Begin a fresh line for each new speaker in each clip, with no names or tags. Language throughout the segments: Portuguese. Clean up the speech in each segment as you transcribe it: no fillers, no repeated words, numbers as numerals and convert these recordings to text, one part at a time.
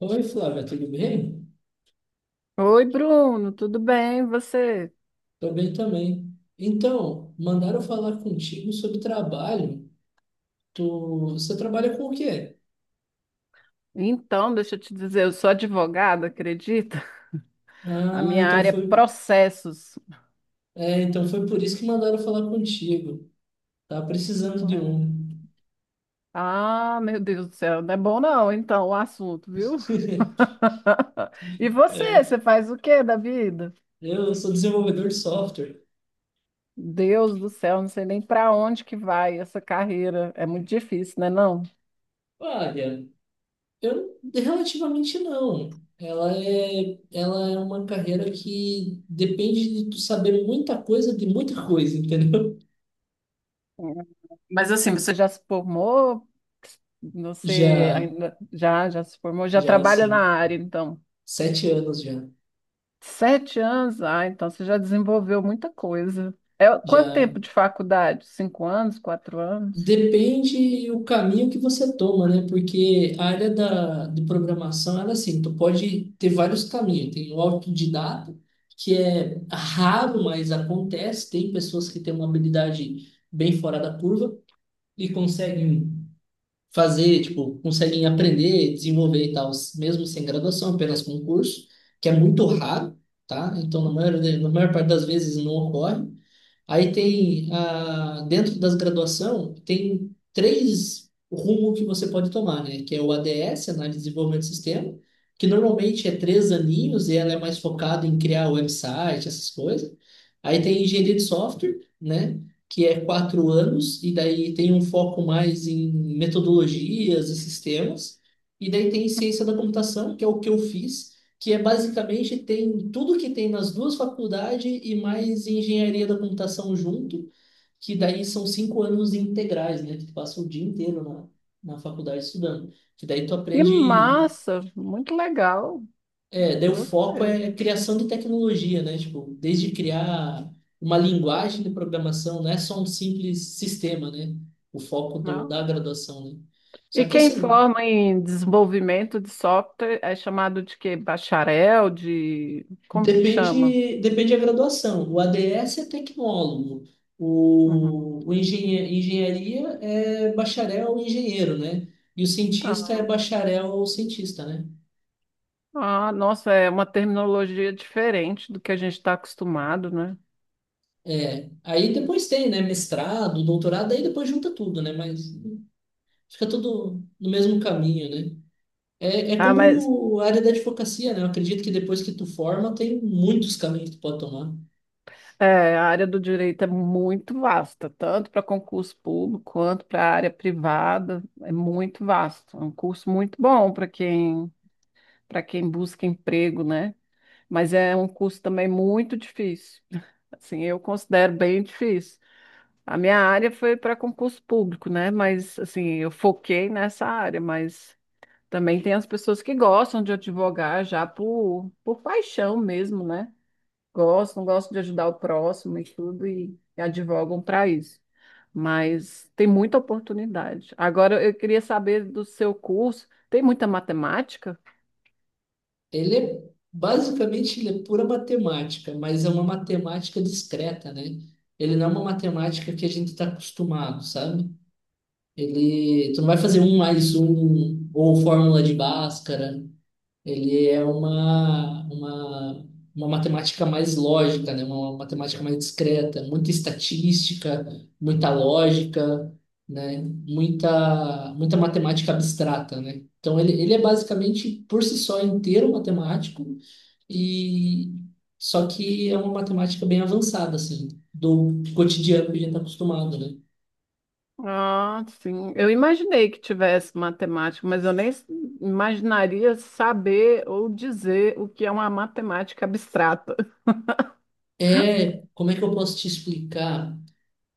Oi, Flávia, tudo bem?
Oi, Bruno, tudo bem? E você?
Tô bem também. Então, mandaram falar contigo sobre trabalho. Tu, você trabalha com o quê?
Então, deixa eu te dizer, eu sou advogada, acredita? A
Ah,
minha
então
área é
foi,
processos.
então foi por isso que mandaram falar contigo. Tá precisando de
É.
um.
Ah, meu Deus do céu, não é bom não, então, o assunto, viu? E você,
É,
você faz o quê da vida?
eu sou desenvolvedor de software.
Deus do céu, não sei nem para onde que vai essa carreira. É muito difícil, né, não?
Olha, eu relativamente não. Ela é uma carreira que depende de tu saber muita coisa de muita coisa, entendeu?
É. Mas assim, você já se formou? Você
Já,
ainda já se formou? Já
já
trabalha na
assim,
área, então?
7 anos já.
7 anos? Ah, então você já desenvolveu muita coisa. É, quanto
Já
tempo de faculdade? 5 anos, 4 anos?
depende o caminho que você toma, né? Porque a área de programação, ela é assim, tu pode ter vários caminhos. Tem o autodidata, que é raro, mas acontece. Tem pessoas que têm uma habilidade bem fora da curva e conseguem fazer, tipo, conseguem aprender, desenvolver e tal, mesmo sem graduação, apenas com curso, que é muito raro, tá? Então, na maior parte das vezes não ocorre. Aí tem, dentro das graduação, tem três rumos que você pode tomar, né? Que é o ADS, Análise de Desenvolvimento de Sistema, que normalmente é 3 aninhos e ela é mais focada em criar website, essas coisas. Aí tem Engenharia de Software, né? Que é 4 anos e daí tem um foco mais em metodologias e sistemas. E daí tem Ciência da Computação, que é o que eu fiz, que é basicamente tem tudo que tem nas duas faculdades e mais engenharia da computação junto, que daí são 5 anos integrais, né? Que tu passa o dia inteiro na faculdade estudando. Que daí tu
Que
aprende.
massa! Muito legal.
É, daí o foco
Gostei.
é criação de tecnologia, né? Tipo, desde criar uma linguagem de programação, não é só um simples sistema, né? O foco do,
Não?
da graduação, né?
E
Só que
quem
assim,
forma em desenvolvimento de software é chamado de quê? Bacharel? Como que chama?
depende da graduação. O ADS é tecnólogo,
Uhum.
o engenharia é bacharel ou engenheiro, né? E o cientista é
Ah,
bacharel ou cientista, né?
ah, nossa, é uma terminologia diferente do que a gente está acostumado, né?
É, aí depois tem, né, mestrado, doutorado, aí depois junta tudo, né? Mas fica tudo no mesmo caminho, né? É, é
Ah, mas
como a área da advocacia, né? Eu acredito que depois que tu forma, tem muitos caminhos que tu pode tomar.
É, a área do direito é muito vasta, tanto para concurso público quanto para a área privada, é muito vasto. É um curso muito bom para quem, busca emprego, né? Mas é um curso também muito difícil. Assim, eu considero bem difícil. A minha área foi para concurso público, né? Mas assim, eu foquei nessa área, mas também tem as pessoas que gostam de advogar já por paixão mesmo, né? gostam, gostam de ajudar o próximo e tudo, e advogam para isso. Mas tem muita oportunidade. Agora, eu queria saber do seu curso, tem muita matemática?
Ele é, basicamente, ele é pura matemática, mas é uma matemática discreta, né? Ele não é uma matemática que a gente está acostumado, sabe? Tu não vai fazer um mais um ou fórmula de Bhaskara. Ele é uma matemática mais lógica, né? Uma matemática mais discreta, muita estatística, muita lógica, né? Muita matemática abstrata, né? Então ele é basicamente por si só inteiro matemático e só que é uma matemática bem avançada, assim, do cotidiano que a gente está acostumado, né?
Ah, sim. Eu imaginei que tivesse matemática, mas eu nem imaginaria saber ou dizer o que é uma matemática abstrata.
É, como é que eu posso te explicar?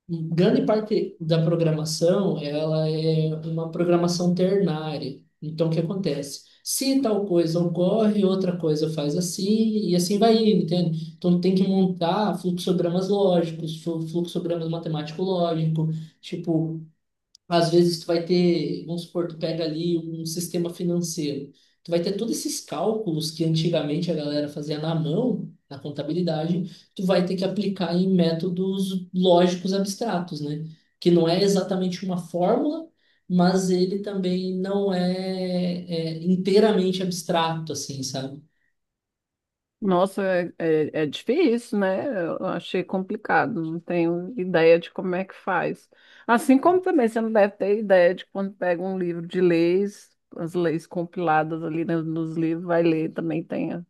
Grande parte da programação, ela é uma programação ternária. Então, o que acontece? Se tal coisa ocorre, outra coisa faz assim, e assim vai indo, entende? Então, tem que montar fluxogramas lógicos, fluxogramas matemático-lógico, tipo, às vezes tu vai ter, vamos supor, tu pega ali um sistema financeiro. Tu vai ter todos esses cálculos que antigamente a galera fazia na mão, na contabilidade, tu vai ter que aplicar em métodos lógicos abstratos, né? Que não é exatamente uma fórmula, mas ele também não é, é inteiramente abstrato, assim, sabe?
Nossa, é difícil, né? Eu achei complicado, não tenho ideia de como é que faz. Assim como também você não deve ter ideia de quando pega um livro de leis, as leis compiladas ali nos livros, vai ler também tem.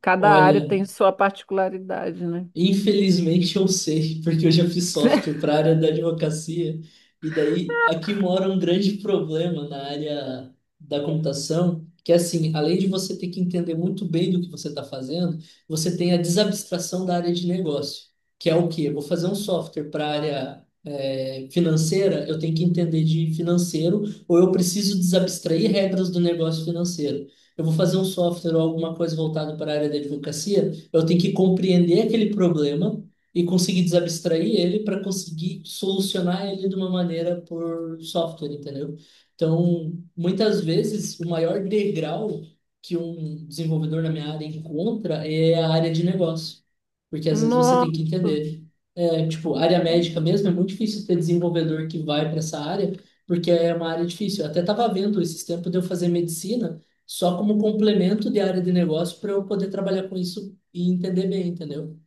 Cada área
Olha,
tem sua particularidade, né?
infelizmente eu sei, porque eu já fiz software para a área da advocacia, e daí aqui mora um grande problema na área da computação, que é assim, além de você ter que entender muito bem do que você está fazendo, você tem a desabstração da área de negócio, que é o quê? Eu vou fazer um software para a área financeira, eu tenho que entender de financeiro, ou eu preciso desabstrair regras do negócio financeiro. Eu vou fazer um software ou alguma coisa voltada para a área da advocacia, eu tenho que compreender aquele problema e conseguir desabstrair ele para conseguir solucionar ele de uma maneira por software, entendeu? Então, muitas vezes, o maior degrau que um desenvolvedor na minha área encontra é a área de negócio. Porque às vezes você tem
Nossa,
que entender. É, tipo, área médica mesmo, é muito difícil ter desenvolvedor que vai para essa área, porque é uma área difícil. Eu até estava vendo esses tempos de eu fazer medicina só como complemento de área de negócio para eu poder trabalhar com isso e entender bem, entendeu?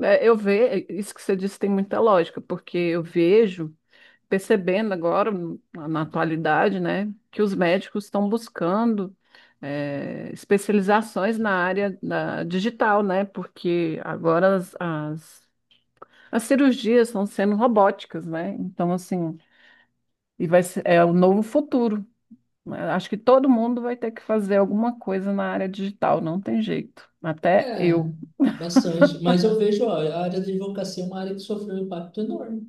é, eu vejo, isso que você disse tem muita lógica, porque eu vejo, percebendo agora, na atualidade, né, que os médicos estão buscando especializações na área da digital, né, porque agora as cirurgias estão sendo robóticas, né, então assim, e vai ser, é o novo futuro, né? Acho que todo mundo vai ter que fazer alguma coisa na área digital, não tem jeito. Até
É,
eu
bastante. Mas eu vejo, ó, a área da advocacia é uma área que sofreu um impacto enorme.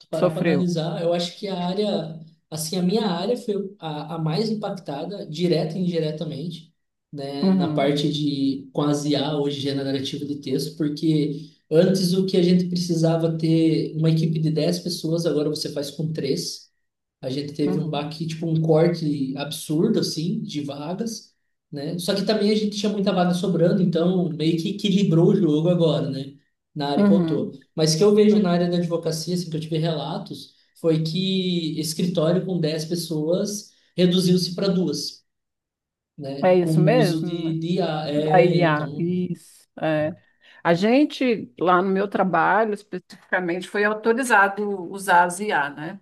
Se parar para
sofreu.
analisar, eu acho que assim, a minha área foi a mais impactada, direta e indiretamente, né, na
Uhum,
parte de, com as IA, hoje, generativa de texto, porque antes o que a gente precisava ter uma equipe de 10 pessoas, agora você faz com três. A gente teve um
uhum,
baque, tipo, um corte absurdo, assim, de vagas, né? Só que também a gente tinha muita vaga sobrando, então meio que equilibrou o jogo agora, né? Na área que eu tô.
uhum.
Mas o que eu vejo na
Uhum.
área da advocacia, assim, que eu tive relatos, foi que escritório com 10 pessoas reduziu-se para duas, né?
É
Com
isso
o uso
mesmo, né?
de IA.
Da
É,
I a
então.
isso, é. A gente, lá no meu trabalho, especificamente, foi autorizado usar as IA, né?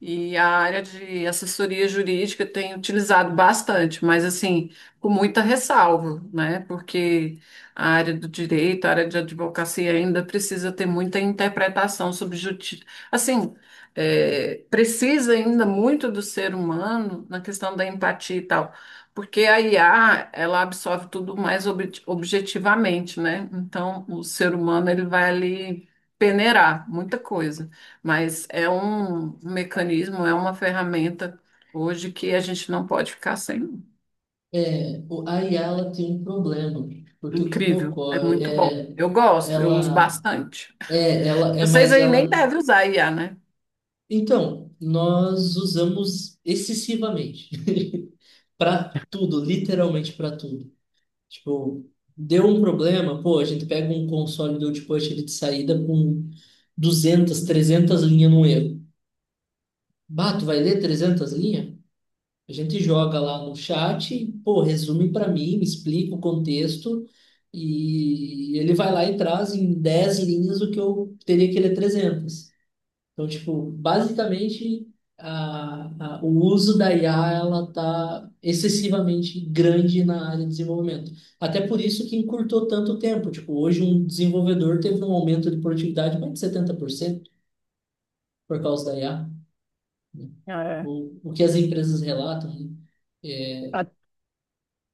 E a área de assessoria jurídica tem utilizado bastante, mas assim, com muita ressalva, né? Porque a área do direito, a área de advocacia ainda precisa ter muita interpretação sobre justiça. Assim, precisa ainda muito do ser humano na questão da empatia e tal, porque a IA, ela absorve tudo mais objetivamente, né? Então, o ser humano, ele vai ali peneirar muita coisa. Mas é um mecanismo, é uma ferramenta hoje que a gente não pode ficar sem.
É, a IA ela tem um problema, porque o que que
Incrível, é
ocorre?
muito bom.
É,
Eu gosto, eu uso
ela
bastante.
é, ela é,
Vocês
mas
aí nem
ela
devem usar IA, né?
Então, nós usamos excessivamente para tudo, literalmente para tudo. Tipo, deu um problema, pô, a gente pega um console do output ele de saída com 200, 300 linhas no erro. Bah, tu vai ler 300 linhas? A gente joga lá no chat, pô, resume para mim, me explica o contexto e ele vai lá e traz em 10 linhas o que eu teria que ler 300. Então, tipo, basicamente, o uso da IA, ela tá excessivamente grande na área de desenvolvimento. Até por isso que encurtou tanto tempo. Tipo, hoje um desenvolvedor teve um aumento de produtividade mais de 70% por causa da IA.
É,
O que as empresas relatam, né? É,
a-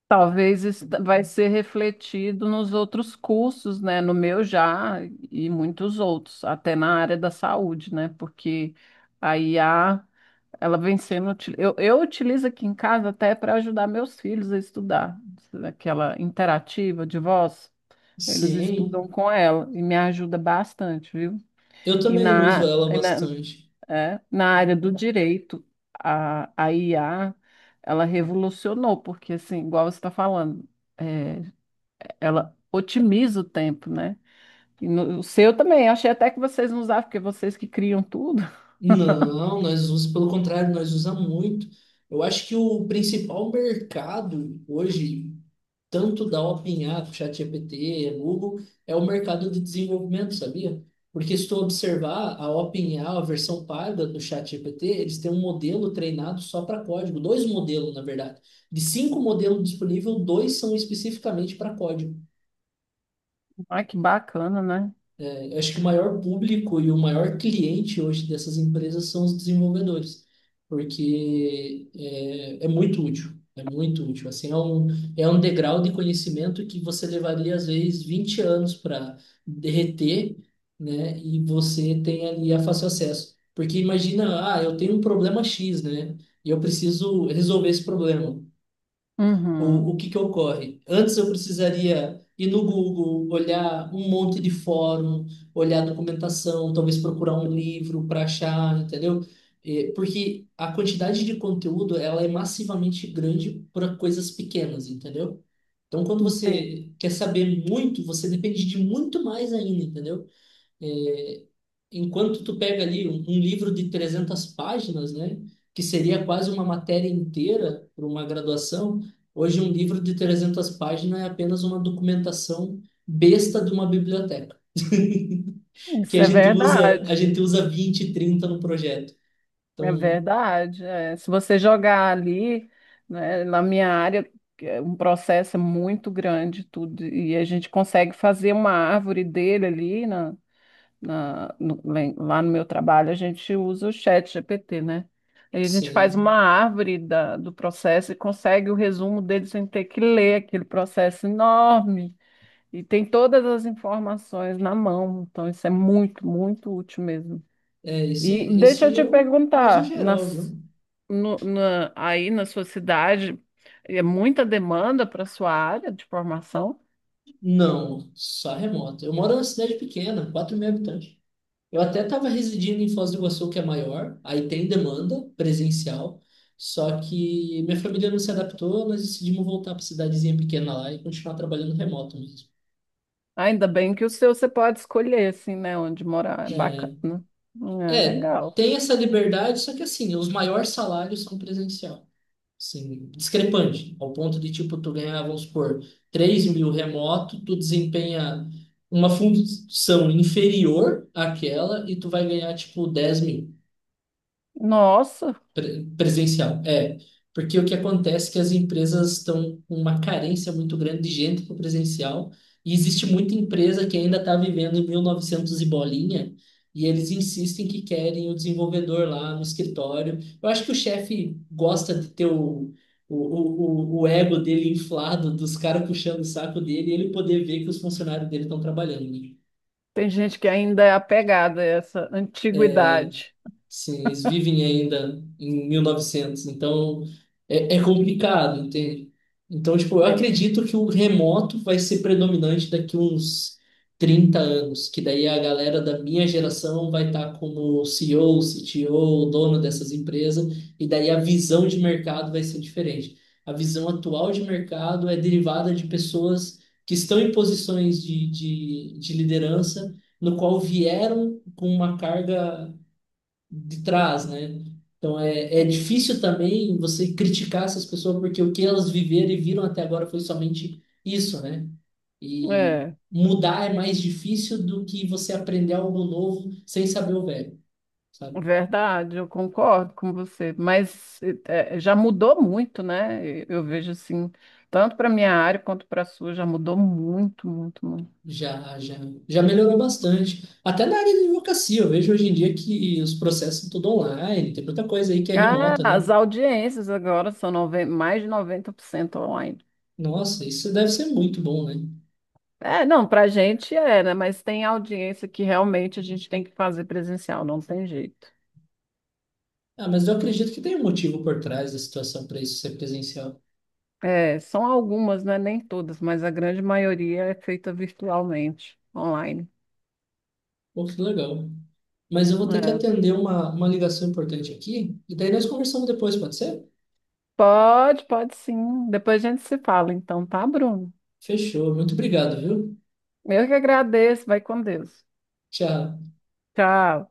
talvez isso vai ser refletido nos outros cursos, né? No meu já e muitos outros, até na área da saúde, né? Porque a IA ela vem sendo. Eu utilizo aqui em casa até para ajudar meus filhos a estudar. Aquela interativa de voz, eles
sim,
estudam com ela e me ajuda bastante, viu?
eu
E
também uso
na,
ela
e na,
bastante.
Na área do direito, a IA, ela revolucionou, porque, assim, igual você está falando, é, ela otimiza o tempo, né? E no, O seu também, achei até que vocês não usavam, porque vocês que criam tudo.
Não, nós usamos, pelo contrário, nós usamos muito. Eu acho que o principal mercado hoje tanto da OpenAI, ChatGPT, Google, é o mercado de desenvolvimento, sabia? Porque se tu observar a OpenAI, a versão paga do ChatGPT, eles têm um modelo treinado só para código, dois modelos, na verdade. De cinco modelos disponíveis, dois são especificamente para código.
Ah, que bacana, né?
Eu acho que o maior público e o maior cliente hoje dessas empresas são os desenvolvedores, porque é muito útil, é muito útil. Assim, é um degrau de conhecimento que você levaria, às vezes, 20 anos para derreter, né? E você tem ali a fácil acesso. Porque imagina, ah, eu tenho um problema X, né? E eu preciso resolver esse problema. O,
Uhum.
o que que ocorre? Antes eu precisaria ir no Google, olhar um monte de fórum, olhar documentação, talvez procurar um livro para achar, entendeu? Porque a quantidade de conteúdo ela é massivamente grande para coisas pequenas, entendeu? Então, quando
Entendi.
você quer saber muito, você depende de muito mais ainda, entendeu? É, enquanto tu pega ali um livro de 300 páginas, né, que seria quase uma matéria inteira para uma graduação, hoje um livro de 300 páginas é apenas uma documentação besta de uma biblioteca, que
Isso
a
é
gente usa, a
verdade,
gente usa 20, 30 no projeto.
é
Então,
verdade. É. Se você jogar ali, né, na minha área, é um processo muito grande tudo, e a gente consegue fazer uma árvore dele ali lá no meu trabalho, a gente usa o chat GPT, né? Aí a gente faz uma
sim,
árvore do processo e consegue o resumo dele sem ter que ler aquele processo enorme. E tem todas as informações na mão, então isso é muito, muito útil mesmo.
é, esse,
E deixa eu
esse
te
é o uso
perguntar,
geral, viu?
aí na sua cidade é muita demanda para sua área de formação?
Não, só remoto. Eu moro numa cidade pequena, 4 mil habitantes. Eu até estava residindo em Foz do Iguaçu, que é maior, aí tem demanda presencial, só que minha família não se adaptou, nós decidimos voltar para cidadezinha pequena lá e continuar trabalhando remoto mesmo.
Ainda bem que o seu você pode escolher, assim, né, onde morar. É
É,
bacana. É
é,
legal.
tem essa liberdade, só que assim, os maiores salários são presencial. Assim, discrepante, ao ponto de, tipo, tu ganhar, vamos supor, 3 mil remoto, tu desempenha uma função inferior àquela e tu vai ganhar, tipo, 10 mil.
Nossa,
Presencial, é. Porque o que acontece é que as empresas estão com uma carência muito grande de gente para o presencial e existe muita empresa que ainda está vivendo em 1900 e bolinha e eles insistem que querem o desenvolvedor lá no escritório. Eu acho que o chefe gosta de ter o ego dele inflado, dos caras puxando o saco dele e ele poder ver que os funcionários dele estão trabalhando, né?
tem gente que ainda é apegada a essa antiguidade.
Sim, eles vivem ainda em 1900, então é complicado, entende? Então, tipo, eu
É.
acredito que o remoto vai ser predominante daqui uns 30 anos, que daí a galera da minha geração vai estar como CEO, CTO, dono dessas empresas, e daí a visão de mercado vai ser diferente. A visão atual de mercado é derivada de pessoas que estão em posições de liderança, no qual vieram com uma carga de trás, né? Então é
Hum.
difícil também você criticar essas pessoas porque o que elas viveram e viram até agora foi somente isso, né? E
É.
mudar é mais difícil do que você aprender algo novo sem saber o velho, sabe?
Verdade, eu concordo com você, mas já mudou muito, né? Eu vejo assim, tanto para minha área quanto para a sua, já mudou muito, muito, muito.
Já, já, já melhorou bastante. Até na área de advocacia, eu vejo hoje em dia que os processos são tudo online, tem muita coisa aí que é
Ah,
remota, né?
as audiências agora são mais de 90% online.
Nossa, isso deve ser muito bom, né?
É, não, para a gente é, né? Mas tem audiência que realmente a gente tem que fazer presencial, não tem jeito.
Ah, mas eu acredito que tem um motivo por trás da situação para isso ser presencial.
É, são algumas, né? Nem todas, mas a grande maioria é feita virtualmente, online.
Pô, que legal. Mas eu vou ter que
É.
atender uma ligação importante aqui. E daí nós conversamos depois, pode ser?
Pode, pode sim. Depois a gente se fala, então, tá, Bruno?
Fechou. Muito obrigado, viu?
Eu que agradeço. Vai com Deus.
Tchau.
Tchau.